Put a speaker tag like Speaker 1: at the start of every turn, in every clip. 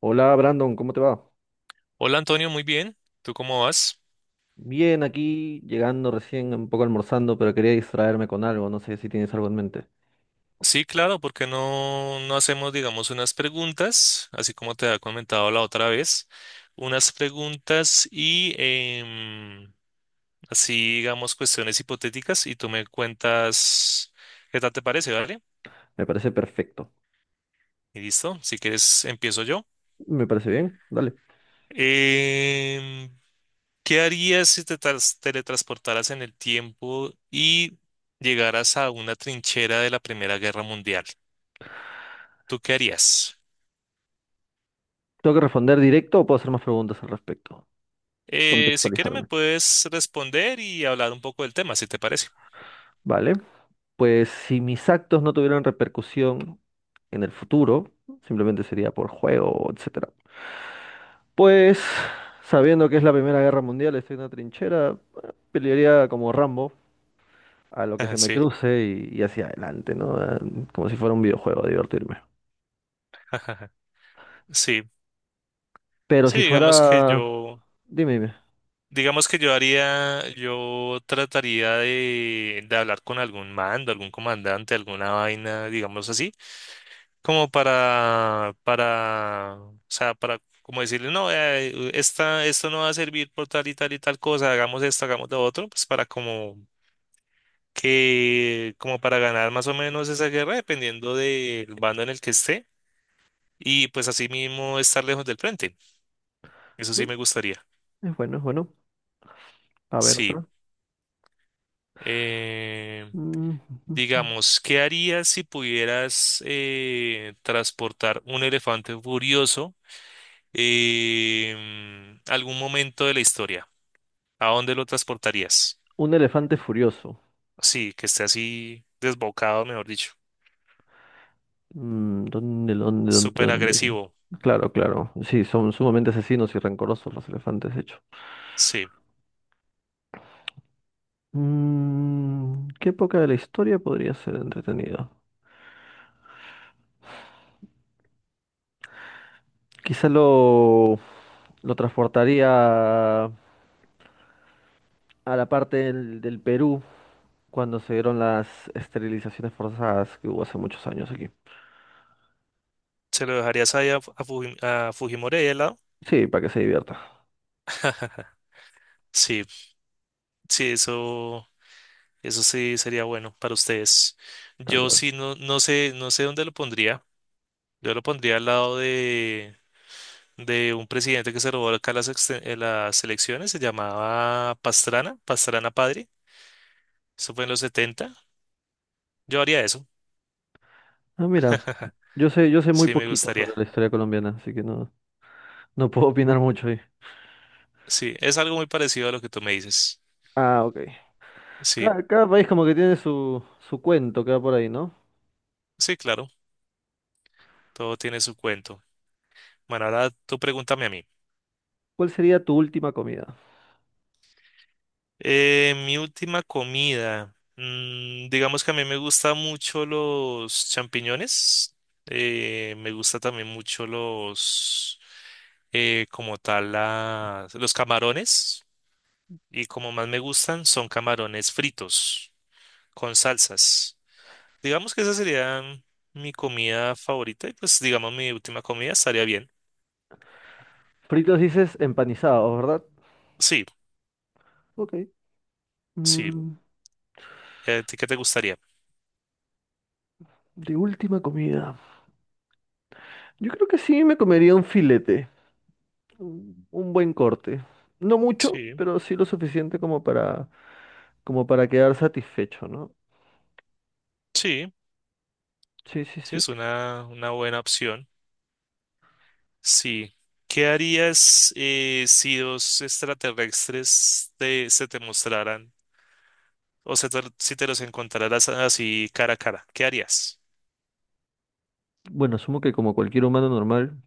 Speaker 1: Hola Brandon, ¿cómo te va?
Speaker 2: Hola Antonio, muy bien. ¿Tú cómo vas?
Speaker 1: Bien, aquí llegando recién, un poco almorzando, pero quería distraerme con algo, no sé si tienes algo en mente.
Speaker 2: Sí, claro, porque no hacemos, digamos, unas preguntas, así como te había comentado la otra vez, unas preguntas y así, digamos, cuestiones hipotéticas y tú me cuentas qué tal te parece, ¿vale?
Speaker 1: Me parece perfecto.
Speaker 2: Y listo, si quieres, empiezo yo.
Speaker 1: Me parece bien, dale.
Speaker 2: Em, ¿Qué harías si teletransportaras en el tiempo y llegaras a una trinchera de la Primera Guerra Mundial? ¿Tú qué harías?
Speaker 1: ¿Tengo que responder directo o puedo hacer más preguntas al respecto?
Speaker 2: Si quieres me
Speaker 1: Contextualizarme.
Speaker 2: puedes responder y hablar un poco del tema, si te parece.
Speaker 1: Vale, pues si mis actos no tuvieran repercusión en el futuro, simplemente sería por juego, etcétera. Pues, sabiendo que es la Primera Guerra Mundial, estoy en una trinchera, pelearía como Rambo a lo que se
Speaker 2: Ajá.
Speaker 1: me
Speaker 2: Sí,
Speaker 1: cruce y hacia adelante, ¿no? Ah, como si fuera un videojuego, a divertirme.
Speaker 2: ajá, sí.
Speaker 1: Pero
Speaker 2: Sí,
Speaker 1: si fuera... Dime, dime.
Speaker 2: digamos que yo haría, yo trataría de hablar con algún mando, algún comandante, alguna vaina, digamos así, como o sea, para como decirle, no, esto no va a servir por tal y tal y tal cosa, hagamos esto, hagamos lo otro, pues para como que como para ganar más o menos esa guerra, dependiendo del bando en el que esté, y pues así mismo estar lejos del frente. Eso sí
Speaker 1: No,
Speaker 2: me gustaría.
Speaker 1: es bueno, es bueno. A ver,
Speaker 2: Sí.
Speaker 1: otro.
Speaker 2: Eh,
Speaker 1: Mm,
Speaker 2: digamos, ¿qué harías si pudieras transportar un elefante furioso a algún momento de la historia? ¿A dónde lo transportarías?
Speaker 1: un elefante furioso.
Speaker 2: Sí, que esté así desbocado, mejor dicho.
Speaker 1: Mm, ¿dónde, dónde, dónde,
Speaker 2: Súper
Speaker 1: dónde?
Speaker 2: agresivo.
Speaker 1: Claro, claro. Sí, son sumamente asesinos y rencorosos los elefantes, de hecho.
Speaker 2: Sí.
Speaker 1: Mm, ¿qué época de la historia podría ser entretenida? Quizá lo transportaría a la parte del Perú cuando se dieron las esterilizaciones forzadas que hubo hace muchos años aquí.
Speaker 2: ¿Se lo dejarías ahí a, Fujimori ahí al lado?
Speaker 1: Sí, para que se divierta,
Speaker 2: Sí. Sí, eso sí sería bueno para ustedes.
Speaker 1: tal
Speaker 2: Yo
Speaker 1: cual.
Speaker 2: sí no sé, no sé dónde lo pondría. Yo lo pondría al lado de un presidente que se robó acá las, las elecciones, se llamaba Pastrana, Pastrana Padre. Eso fue en los 70. Yo haría eso.
Speaker 1: Ah, mira, yo sé muy
Speaker 2: Sí, me
Speaker 1: poquito
Speaker 2: gustaría.
Speaker 1: sobre la historia colombiana, así que no, no puedo opinar mucho ahí.
Speaker 2: Sí, es algo muy parecido a lo que tú me dices.
Speaker 1: Ah, ok.
Speaker 2: Sí,
Speaker 1: Cada país como que tiene su, su cuento que va por ahí, ¿no?
Speaker 2: sí, claro. Todo tiene su cuento. Bueno, ahora tú pregúntame a mí.
Speaker 1: ¿Cuál sería tu última comida?
Speaker 2: Mi última comida. Digamos que a mí me gusta mucho los champiñones. Me gusta también mucho como tal, los camarones. Y como más me gustan son camarones fritos con salsas. Digamos que esa sería mi comida favorita. Y pues, digamos, mi última comida estaría bien.
Speaker 1: Fritos dices empanizados, ¿verdad?
Speaker 2: Sí,
Speaker 1: Ok.
Speaker 2: sí.
Speaker 1: Mm,
Speaker 2: ¿Y a ti qué te gustaría?
Speaker 1: de última comida. Yo creo que sí me comería un filete. Un buen corte. No mucho,
Speaker 2: Sí,
Speaker 1: pero sí lo suficiente como para, como para quedar satisfecho, ¿no?
Speaker 2: sí,
Speaker 1: Sí, sí,
Speaker 2: sí,
Speaker 1: sí.
Speaker 2: es una buena opción. Sí. ¿Qué harías si dos extraterrestres se te mostraran o si te los encontraras así cara a cara? ¿Qué harías?
Speaker 1: Bueno, asumo que como cualquier humano normal,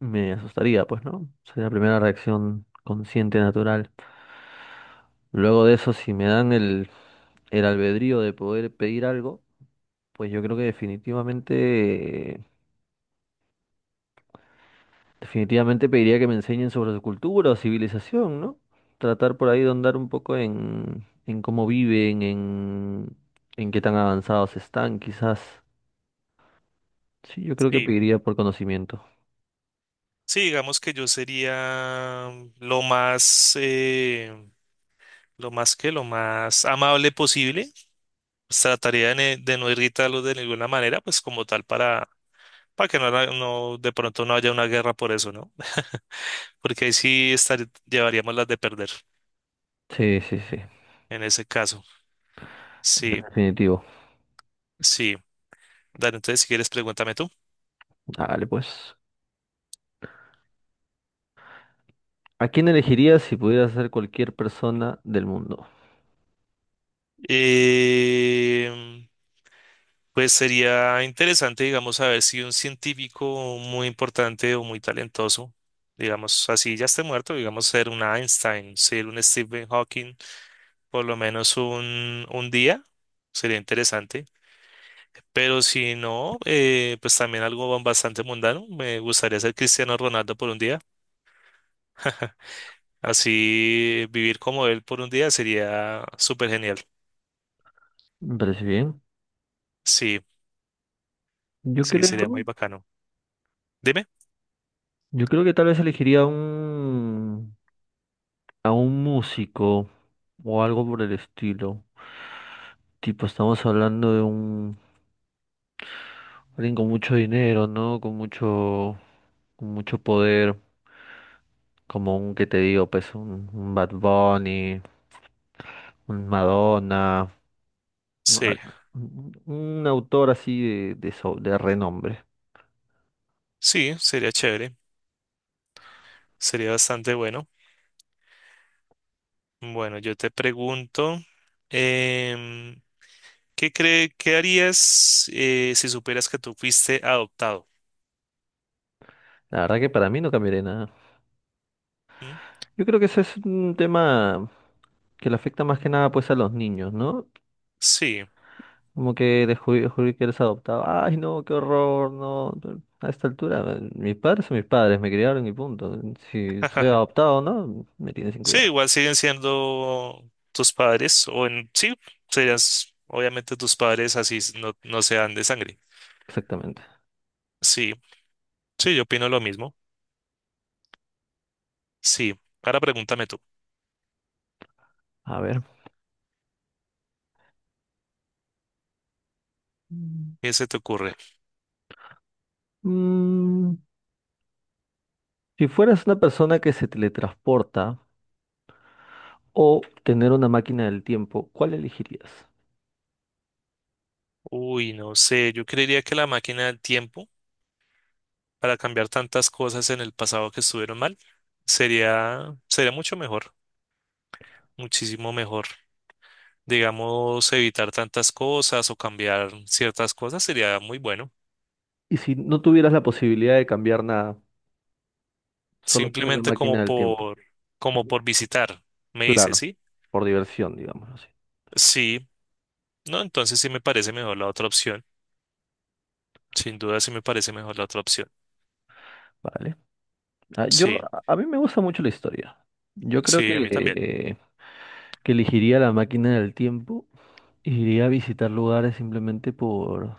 Speaker 1: me asustaría, pues, ¿no? Sería la primera reacción consciente, natural. Luego de eso, si me dan el albedrío de poder pedir algo, pues yo creo que definitivamente, definitivamente pediría que me enseñen sobre su cultura o civilización, ¿no? Tratar por ahí de andar un poco en cómo viven, en qué tan avanzados están, quizás. Sí, yo creo que
Speaker 2: Sí.
Speaker 1: pediría por conocimiento.
Speaker 2: Sí, digamos que yo sería lo más, lo más amable posible. Pues trataría de no irritarlos de ninguna manera, pues como tal para que no, no, de pronto no haya una guerra por eso, ¿no? Porque ahí sí estar, llevaríamos las de perder
Speaker 1: Sí, sí, sí.
Speaker 2: en ese caso. Sí,
Speaker 1: Definitivo.
Speaker 2: sí. Dale, entonces si quieres, pregúntame tú.
Speaker 1: Hágale pues. ¿A quién elegirías si pudieras ser cualquier persona del mundo?
Speaker 2: Em, pues sería interesante, digamos, saber si un científico muy importante o muy talentoso, digamos, así ya esté muerto, digamos, ser un Einstein, ser un Stephen Hawking, por lo menos un día, sería interesante. Pero si no, pues también algo bastante mundano. Me gustaría ser Cristiano Ronaldo por un día. Así vivir como él por un día sería súper genial.
Speaker 1: Me parece bien.
Speaker 2: Sí,
Speaker 1: Yo
Speaker 2: sí, sería muy
Speaker 1: creo,
Speaker 2: bacano. Dime.
Speaker 1: yo creo que tal vez elegiría a un músico o algo por el estilo. Tipo, estamos hablando de un, alguien con mucho dinero, ¿no? Con mucho poder, como un, ¿que te digo? Pues un Bad Bunny, un Madonna, un,
Speaker 2: Sí,
Speaker 1: un autor así de, so- de renombre.
Speaker 2: sí, sería chévere. Sería bastante bueno. Bueno, yo te pregunto, em, ¿qué harías si supieras que tú fuiste adoptado?
Speaker 1: La verdad que para mí no cambiaría nada.
Speaker 2: ¿Mm?
Speaker 1: Yo creo que ese es un tema que le afecta más que nada pues a los niños, ¿no?
Speaker 2: Sí,
Speaker 1: Como que "descubrí que eres adoptado. Ay, no, qué horror, no, no". A esta altura, mis padres son mis padres, me criaron y punto. Si soy adoptado o no, me tienen sin
Speaker 2: sí,
Speaker 1: cuidado.
Speaker 2: igual siguen siendo tus padres, sí, serías obviamente tus padres así no, no sean de sangre.
Speaker 1: Exactamente.
Speaker 2: Sí, sí, yo opino lo mismo. Sí, ahora pregúntame tú,
Speaker 1: A ver. Mm.
Speaker 2: ¿qué se te ocurre?
Speaker 1: Mm, si fueras una persona que se teletransporta o tener una máquina del tiempo, ¿cuál elegirías?
Speaker 2: Uy, no sé, yo creería que la máquina del tiempo, para cambiar tantas cosas en el pasado que estuvieron mal, sería, sería mucho mejor, muchísimo mejor. Digamos, evitar tantas cosas o cambiar ciertas cosas sería muy bueno.
Speaker 1: Y si no tuvieras la posibilidad de cambiar nada, solo tener la
Speaker 2: Simplemente como
Speaker 1: máquina del tiempo.
Speaker 2: por, como por visitar, me dice,
Speaker 1: Claro,
Speaker 2: ¿sí?
Speaker 1: por diversión, digamos así.
Speaker 2: Sí, no, entonces sí me parece mejor la otra opción. Sin duda sí me parece mejor la otra opción.
Speaker 1: Vale. Ah, yo,
Speaker 2: Sí,
Speaker 1: a mí me gusta mucho la historia. Yo creo
Speaker 2: sí, a mí también.
Speaker 1: que elegiría la máquina del tiempo e iría a visitar lugares simplemente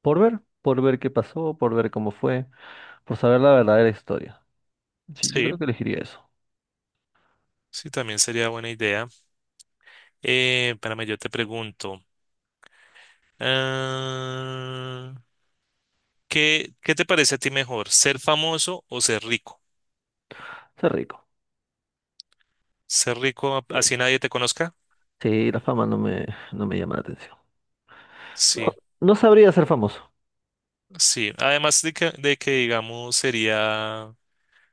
Speaker 1: por ver qué pasó, por ver cómo fue, por saber la verdadera historia. Sí, yo
Speaker 2: Sí,
Speaker 1: creo que elegiría eso.
Speaker 2: sí, también sería buena idea. Espérame, yo te pregunto. ah, ¿Qué, qué te parece a ti mejor, ser famoso o ser rico?
Speaker 1: Ser rico.
Speaker 2: Ser rico,
Speaker 1: Sí,
Speaker 2: así nadie te conozca.
Speaker 1: sí, la fama no me, no me llama la atención. No,
Speaker 2: Sí,
Speaker 1: no sabría ser famoso.
Speaker 2: sí. Además de que, digamos, sería, o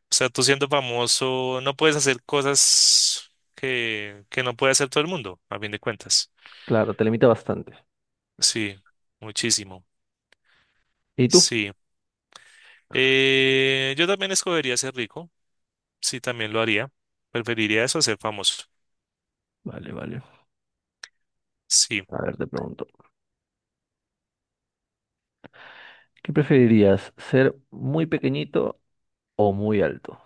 Speaker 2: sea, tú siendo famoso no puedes hacer cosas que no puede hacer todo el mundo, a fin de cuentas.
Speaker 1: Claro, te limita bastante.
Speaker 2: Sí, muchísimo.
Speaker 1: ¿Y tú?
Speaker 2: Sí. Yo también escogería ser rico. Sí, también lo haría. Preferiría eso a ser famoso.
Speaker 1: Vale, vale.
Speaker 2: Sí.
Speaker 1: A ver, te pregunto. ¿Qué preferirías? ¿Ser muy pequeñito o muy alto?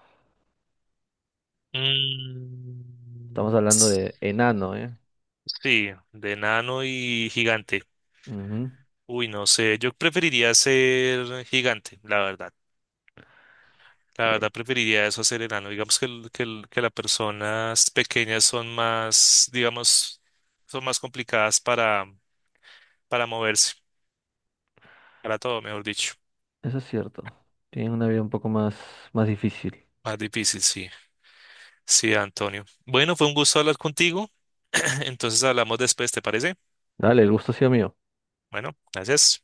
Speaker 1: Estamos
Speaker 2: Mm,
Speaker 1: hablando de enano, ¿eh?
Speaker 2: sí, de nano y gigante.
Speaker 1: Ujú,
Speaker 2: Uy, no sé, yo preferiría ser gigante, la verdad. La
Speaker 1: sí,
Speaker 2: verdad preferiría eso, a ser enano. Digamos que, que las personas pequeñas son más, digamos, son más complicadas para moverse, para todo, mejor dicho.
Speaker 1: eso es cierto. Tienen una vida un poco más, más difícil.
Speaker 2: Más difícil, sí. Sí, Antonio. Bueno, fue un gusto hablar contigo. Entonces hablamos después, ¿te parece?
Speaker 1: Dale, el gusto ha sido mío.
Speaker 2: Bueno, gracias.